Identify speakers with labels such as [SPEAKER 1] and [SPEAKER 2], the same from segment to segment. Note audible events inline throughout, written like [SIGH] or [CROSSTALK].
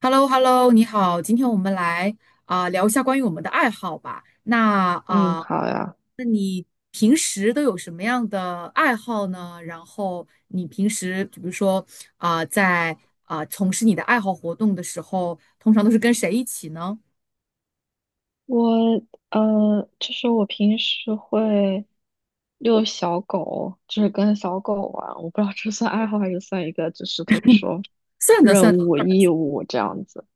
[SPEAKER 1] h e l l o h e l l o 你好，今天我们来聊一下关于我们的爱好吧。那
[SPEAKER 2] 嗯，好呀。
[SPEAKER 1] 平时都有什么样的爱好呢？然后你平时比如说啊、在从事你的爱好活动的时候，通常都是跟谁一起呢？
[SPEAKER 2] 我就是我平时会遛小狗，就是跟小狗玩。我不知道这算爱好还是算一个，就是怎么说，
[SPEAKER 1] 算的
[SPEAKER 2] 任
[SPEAKER 1] 算的。
[SPEAKER 2] 务义务这样子。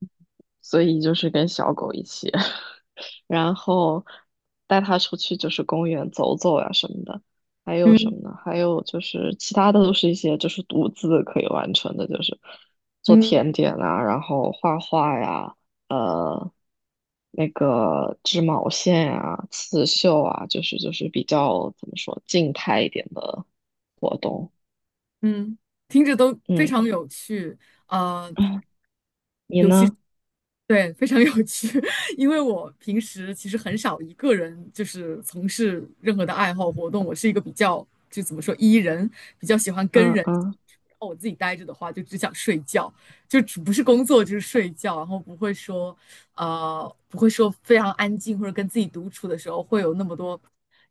[SPEAKER 2] 所以就是跟小狗一起。[LAUGHS] 然后带他出去就是公园走走呀、什么的，还有什么
[SPEAKER 1] 嗯
[SPEAKER 2] 呢？还有就是其他的都是一些就是独自可以完成的，就是做
[SPEAKER 1] 嗯
[SPEAKER 2] 甜点啊，然后画画呀，呃，那个织毛线啊、刺绣啊，就是比较怎么说静态一点的活动。
[SPEAKER 1] 嗯，听着都非
[SPEAKER 2] 嗯，
[SPEAKER 1] 常有趣。呃，
[SPEAKER 2] [CLEARS THROAT] 你呢？
[SPEAKER 1] 对，非常有趣。[LAUGHS] 因为我平时其实很少一个人就是从事任何的爱好活动，我是一个比较就怎么说 E 人，比较喜欢跟
[SPEAKER 2] 嗯
[SPEAKER 1] 人。
[SPEAKER 2] 嗯，
[SPEAKER 1] 然后我自己待着的话，就只想睡觉，就只不是工作就是睡觉，然后不会说非常安静或者跟自己独处的时候会有那么多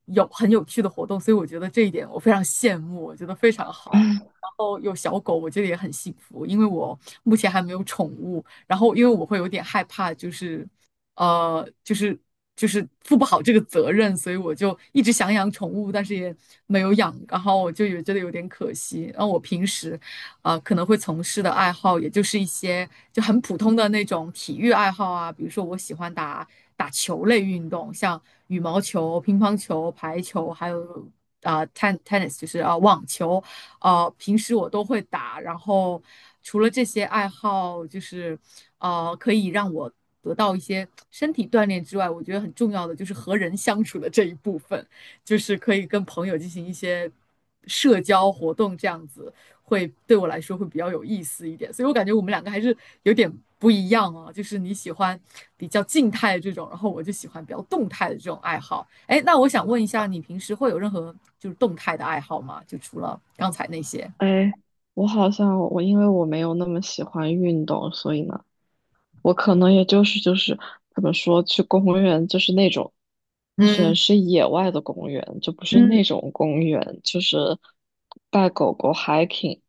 [SPEAKER 1] 有很有趣的活动，所以我觉得这一点我非常羡慕，我觉得非常好。
[SPEAKER 2] [LAUGHS]
[SPEAKER 1] 哦，有小狗，我觉得也很幸福，因为我目前还没有宠物。然后因为我会有点害怕，呃，就是就是负不好这个责任，所以我就一直想养宠物，但是也没有养。然后我就有觉得有点可惜。然后我平时可能会从事的爱好，也就是一些就很普通的那种体育爱好啊，比如说我喜欢打打球类运动，像羽毛球、乒乓球、排球，还有。啊、t e n tennis 就是网球，平时我都会打，然后除了这些爱好，就是可以让我得到一些身体锻炼之外，我觉得很重要的就是和人相处的这一部分，就是可以跟朋友进行一些社交活动这样子。对我来说会比较有意思一点。所以我感觉我们两个还是有点不一样哦，就是你喜欢比较静态的这种，然后我就喜欢比较动态的这种爱好。哎，那我想问一下，你平时会有任何就是动态的爱好吗？就除了刚才那些？
[SPEAKER 2] 哎，我好像我因为我没有那么喜欢运动，所以呢。我可能也就是怎么说，去公园就是那种全
[SPEAKER 1] 嗯
[SPEAKER 2] 是野外的公园，就不是那
[SPEAKER 1] 嗯
[SPEAKER 2] 种公园，就是带狗狗 hiking。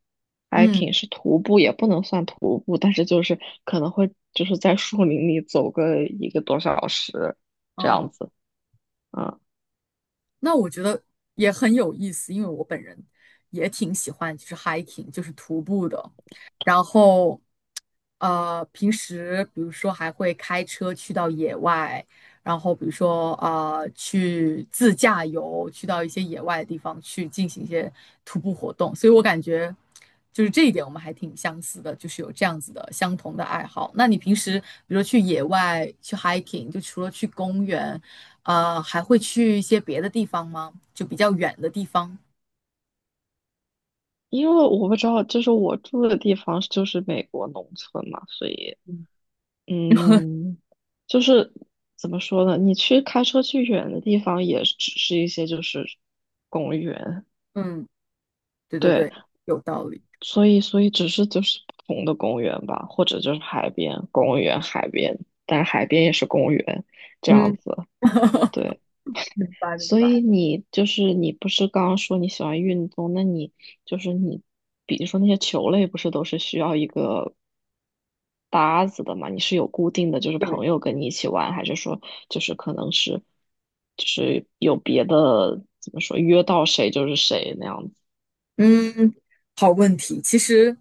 [SPEAKER 1] 嗯
[SPEAKER 2] hiking 是徒步，也不能算徒步，但是就是可能会就是在树林里走个一个多小时这
[SPEAKER 1] 嗯。
[SPEAKER 2] 样子。嗯，
[SPEAKER 1] 那我觉得也很有意思，因为我本人也挺喜欢就是 hiking，就是徒步的。然后，平时比如说还会开车去到野外，然后比如说去自驾游，去到一些野外的地方去进行一些徒步活动。所以我感觉就是这一点我们还挺相似的，就是有这样子的相同的爱好。那你平时比如说去野外去 hiking，就除了去公园，还会去一些别的地方吗？就比较远的地方。
[SPEAKER 2] 因为我不知道，就是我住的地方就是美国农村嘛，所以。
[SPEAKER 1] 嗯，
[SPEAKER 2] 嗯，就是怎么说呢？你去开车去远的地方，也只是一些就是公园，
[SPEAKER 1] 嗯，对对
[SPEAKER 2] 对，
[SPEAKER 1] 对，有道理。
[SPEAKER 2] 所以只是就是不同的公园吧，或者就是海边公园、海边，但海边也是公园这样
[SPEAKER 1] 嗯，
[SPEAKER 2] 子，
[SPEAKER 1] [LAUGHS]
[SPEAKER 2] 对。
[SPEAKER 1] 明白明
[SPEAKER 2] 所以
[SPEAKER 1] 白。
[SPEAKER 2] 你就是你不是刚刚说你喜欢运动，那你就是你，比如说那些球类，不是都是需要一个搭子的嘛？你是有固定的就是朋友跟你一起玩，还是说就是可能是就是有别的怎么说约到谁就是谁那样子？
[SPEAKER 1] 嗯，好问题。其实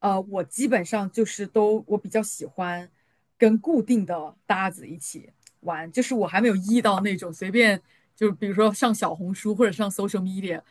[SPEAKER 1] 我基本上就是我比较喜欢跟固定的搭子一起玩，就是我还没有遇到那种随便，就比如说上小红书或者上 social media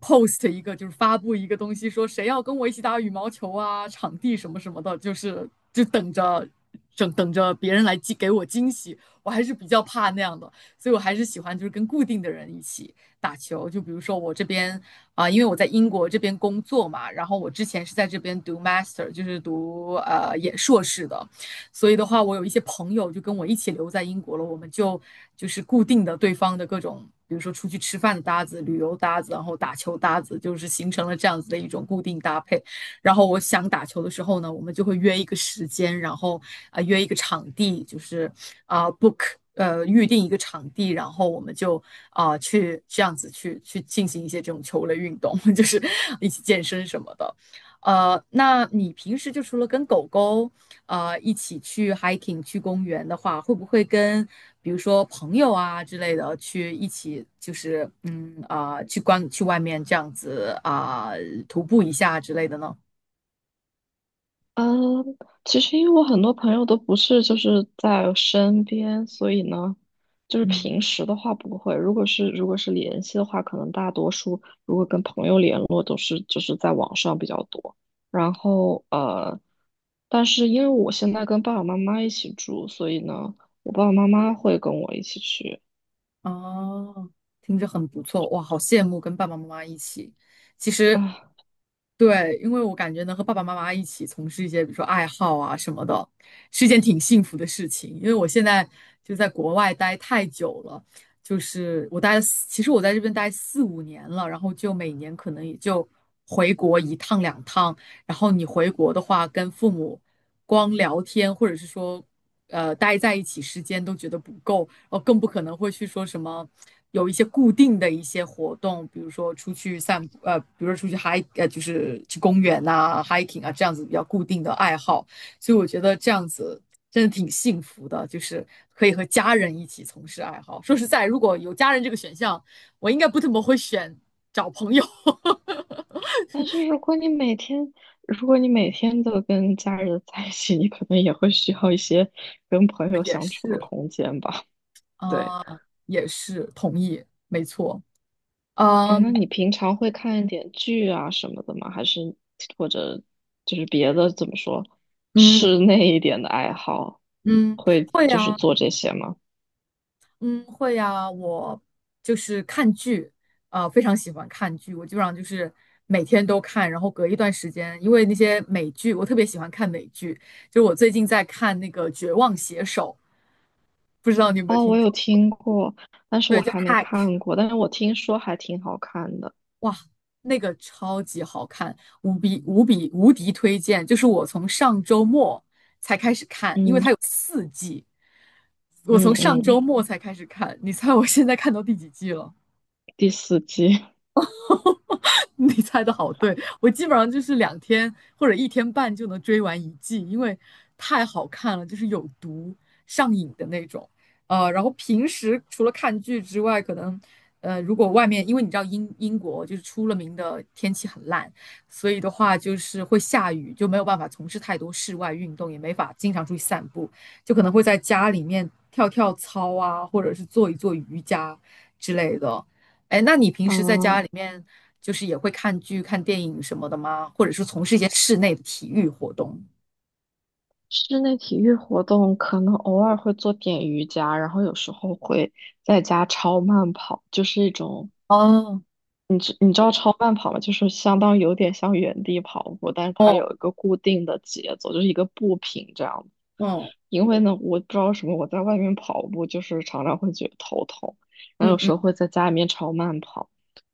[SPEAKER 1] post 一个，就是发布一个东西，说谁要跟我一起打羽毛球啊，场地什么什么的，就是就等着。等着别人来给我惊喜，我还是比较怕那样的，所以我还是喜欢就是跟固定的人一起打球。就比如说我这边因为我在英国这边工作嘛，然后我之前是在这边读 master，就是读也硕士的，所以的话，我有一些朋友就跟我一起留在英国了，我们就是固定的对方的各种，比如说出去吃饭的搭子、旅游搭子，然后打球搭子，就是形成了这样子的一种固定搭配。然后我想打球的时候呢，我们就会约一个时间，然后约一个场地，就是啊、呃 book 预定一个场地，然后我们就去这样子去进行一些这种球类运动，[LAUGHS] 就是一起健身什么的。那你平时就除了跟狗狗一起去 hiking 去公园的话，会不会跟比如说朋友啊之类的去一起，就是去外面这样子徒步一下之类的呢？
[SPEAKER 2] 嗯，其实因为我很多朋友都不是就是在身边，所以呢，就是
[SPEAKER 1] 嗯，
[SPEAKER 2] 平时的话不会。如果是联系的话，可能大多数如果跟朋友联络都是就是在网上比较多。然后但是因为我现在跟爸爸妈妈一起住，所以呢，我爸爸妈妈会跟我一起去
[SPEAKER 1] 哦，听着很不错，哇，好羡慕跟爸爸妈妈一起。其实，
[SPEAKER 2] 啊。
[SPEAKER 1] 对，因为我感觉能和爸爸妈妈一起从事一些，比如说爱好啊什么的，是一件挺幸福的事情。因为我现在就在国外待太久了，就是我待了四，其实我在这边待四五年了，然后就每年可能也就回国一趟两趟。然后你回国的话，跟父母光聊天，或者是说，待在一起时间都觉得不够，然后更不可能会去说什么有一些固定的一些活动，比如说出去散步，比如说出去 hike，就是去公园啊、hiking 啊这样子比较固定的爱好。所以我觉得这样子真的挺幸福的，就是可以和家人一起从事爱好。说实在，如果有家人这个选项，我应该不怎么会找朋友。[LAUGHS]
[SPEAKER 2] 但是如果你每天如果你每天都跟家人在一起，你可能也会需要一些跟朋友
[SPEAKER 1] 也
[SPEAKER 2] 相处的
[SPEAKER 1] 是。
[SPEAKER 2] 空间吧。对，
[SPEAKER 1] 啊，也是同意，没错。
[SPEAKER 2] 哎，
[SPEAKER 1] 啊，
[SPEAKER 2] 那你平常会看一点剧啊什么的吗？还是或者就是别的怎么说，室
[SPEAKER 1] 嗯
[SPEAKER 2] 内一点的爱好，
[SPEAKER 1] 嗯，
[SPEAKER 2] 会
[SPEAKER 1] 会
[SPEAKER 2] 就是
[SPEAKER 1] 呀。
[SPEAKER 2] 做这些吗？
[SPEAKER 1] 嗯，会呀，我就是看剧，非常喜欢看剧，我基本上就是每天都看，然后隔一段时间，因为那些美剧，我特别喜欢看美剧，就是我最近在看那个《绝望写手》，不知道你有没有
[SPEAKER 2] 哦，
[SPEAKER 1] 听
[SPEAKER 2] 我有
[SPEAKER 1] 说？
[SPEAKER 2] 听过，但是
[SPEAKER 1] 对，
[SPEAKER 2] 我
[SPEAKER 1] 就
[SPEAKER 2] 还没
[SPEAKER 1] Hack，
[SPEAKER 2] 看过，但是我听说还挺好看的。
[SPEAKER 1] 那个超级好看，无比无比无敌推荐！就是我从上周末才开始看，因为
[SPEAKER 2] 嗯
[SPEAKER 1] 它有四季，我
[SPEAKER 2] 嗯
[SPEAKER 1] 从上周
[SPEAKER 2] 嗯，
[SPEAKER 1] 末才开始看，你猜我现在看到第几季了？
[SPEAKER 2] 第四季
[SPEAKER 1] [LAUGHS] 你猜的好对，我基本上就是2天或者1天半就能追完一季，因为太好看了，就是有毒上瘾的那种。然后平时除了看剧之外，可能如果外面因为你知道英国就是出了名的天气很烂，所以的话就是会下雨，就没有办法从事太多室外运动，也没法经常出去散步，就可能会在家里面跳跳操啊，或者是做一做瑜伽之类的。哎，那你平
[SPEAKER 2] 啊
[SPEAKER 1] 时在家里面就是也会看剧、看电影什么的吗？或者是从事一些室内的体育活动？
[SPEAKER 2] [LAUGHS]，室内体育活动可能偶尔会做点瑜伽，然后有时候会在家超慢跑，就是一种
[SPEAKER 1] 哦，
[SPEAKER 2] 你知你知道超慢跑吗？就是相当于有点像原地跑步，但是它
[SPEAKER 1] 哦，
[SPEAKER 2] 有一个固定的节奏，就是一个步频这样。
[SPEAKER 1] 哦，
[SPEAKER 2] 因为呢，我不知道为什么我在外面跑步，就是常常会觉得头痛，然后
[SPEAKER 1] 嗯
[SPEAKER 2] 有
[SPEAKER 1] 嗯
[SPEAKER 2] 时候会在家里面超慢跑。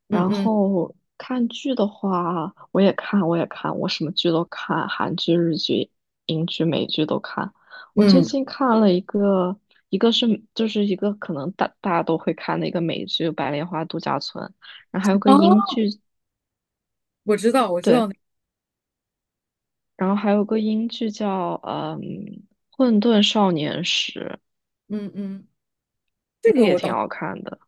[SPEAKER 1] 嗯
[SPEAKER 2] 然
[SPEAKER 1] 嗯
[SPEAKER 2] 后看剧的话，我也看,我什么剧都看，韩剧、日剧、英剧、美剧都看。我最
[SPEAKER 1] 嗯，
[SPEAKER 2] 近看了一个，一个是就是一个可能大家都会看的一个美剧《白莲花度假村》。然后还有个英
[SPEAKER 1] 哦，
[SPEAKER 2] 剧
[SPEAKER 1] 我知道，我知道
[SPEAKER 2] 对，
[SPEAKER 1] 那，
[SPEAKER 2] 然后还有个英剧叫嗯《混沌少年时》，
[SPEAKER 1] 嗯嗯，这
[SPEAKER 2] 那个
[SPEAKER 1] 个
[SPEAKER 2] 也
[SPEAKER 1] 我
[SPEAKER 2] 挺
[SPEAKER 1] 当
[SPEAKER 2] 好看的。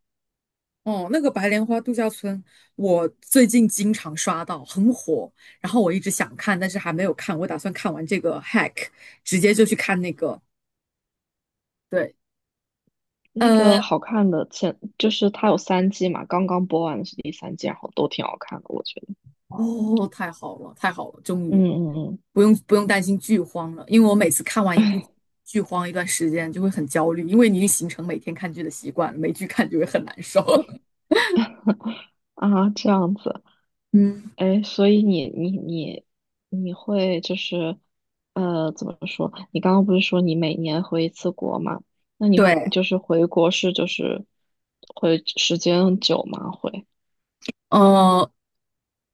[SPEAKER 1] 哦，那个白莲花度假村，我最近经常刷到，很火，然后我一直想看，但是还没有看，我打算看完这个 hack，直接就去看那个，对，
[SPEAKER 2] 那个
[SPEAKER 1] 呃。
[SPEAKER 2] 好看的前就是它有三季嘛，刚刚播完的是第三季，然后都挺好看的，我觉得。
[SPEAKER 1] 哦，太好了，太好了，终于
[SPEAKER 2] 嗯嗯
[SPEAKER 1] 不用担心剧荒了，因为我每次看完一部
[SPEAKER 2] 嗯
[SPEAKER 1] 剧荒一段时间就会很焦虑，因为你已经形成每天看剧的习惯了，没剧看就会很难受。[LAUGHS]
[SPEAKER 2] [LAUGHS] 啊，这样子，
[SPEAKER 1] 嗯，
[SPEAKER 2] 哎，所以你会就是怎么说？你刚刚不是说你每年回一次国嘛？那你回
[SPEAKER 1] 对，
[SPEAKER 2] 就是回国是就是回时间久吗？
[SPEAKER 1] 呃，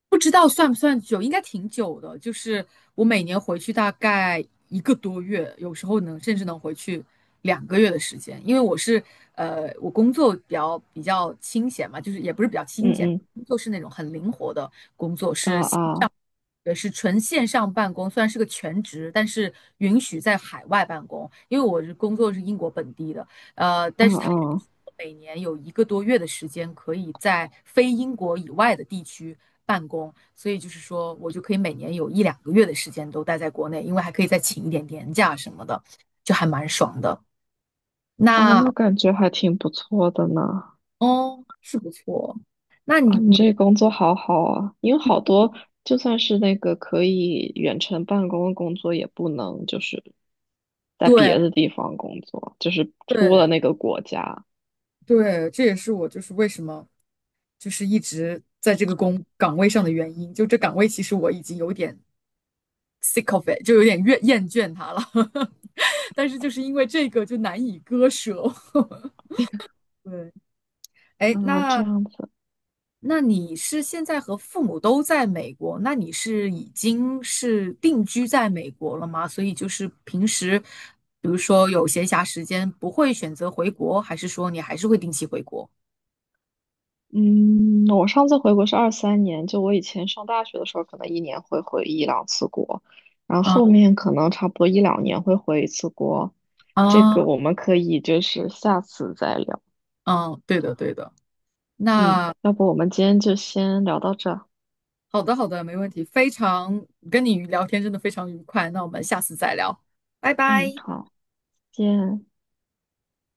[SPEAKER 1] 不知道算不算久，应该挺久的，就是我每年回去大概一个多月，有时候甚至能回去两个月的时间，因为我工作比较清闲嘛，就是也不是比较清闲，
[SPEAKER 2] 嗯
[SPEAKER 1] 就是那种很灵活的工作，
[SPEAKER 2] 嗯
[SPEAKER 1] 是。
[SPEAKER 2] 啊啊。
[SPEAKER 1] 也是纯线上办公，虽然是个全职，但是允许在海外办公。因为我工作是英国本地的，但
[SPEAKER 2] 嗯
[SPEAKER 1] 是他允许
[SPEAKER 2] 嗯，
[SPEAKER 1] 我每年有一个多月的时间可以在非英国以外的地区办公，所以就是说我就可以每年有一两个月的时间都待在国内，因为还可以再请一点年假什么的，就还蛮爽的。
[SPEAKER 2] 哦，
[SPEAKER 1] 那
[SPEAKER 2] 那感觉还挺不错的呢。
[SPEAKER 1] 哦，是不错。那你
[SPEAKER 2] 啊，你
[SPEAKER 1] 你
[SPEAKER 2] 这工作好好啊，因为好多就算是那个可以远程办公的工作，也不能就是在
[SPEAKER 1] 对
[SPEAKER 2] 别的地方工作，就是出
[SPEAKER 1] 对
[SPEAKER 2] 了那个国家。
[SPEAKER 1] 对，这也是我就是为什么，就是一直在这个工岗位上的原因。就这岗位，其实我已经有点 sick of it，就有点厌倦它了。[LAUGHS] 但是就是因为这个，就难以割舍。[LAUGHS] 对，哎，
[SPEAKER 2] 啊，这
[SPEAKER 1] 那
[SPEAKER 2] 样子。
[SPEAKER 1] 那你是现在和父母都在美国？那你是已经是定居在美国了吗？所以就是平时，比如说有闲暇时间，不会选择回国，还是说你还是会定期回国？
[SPEAKER 2] 嗯，我上次回国是23年，就我以前上大学的时候，可能一年会回一两次国，然后后
[SPEAKER 1] 啊
[SPEAKER 2] 面可能差不多一两年会回一次国。这
[SPEAKER 1] 啊，
[SPEAKER 2] 个我们可以就是下次再聊。
[SPEAKER 1] 嗯，对的，对的。
[SPEAKER 2] 嗯，
[SPEAKER 1] 那
[SPEAKER 2] 要不我们今天就先聊到这儿
[SPEAKER 1] 好的，好的，没问题。非常跟你聊天真的非常愉快，那我们下次再聊。
[SPEAKER 2] 嗯，好，见。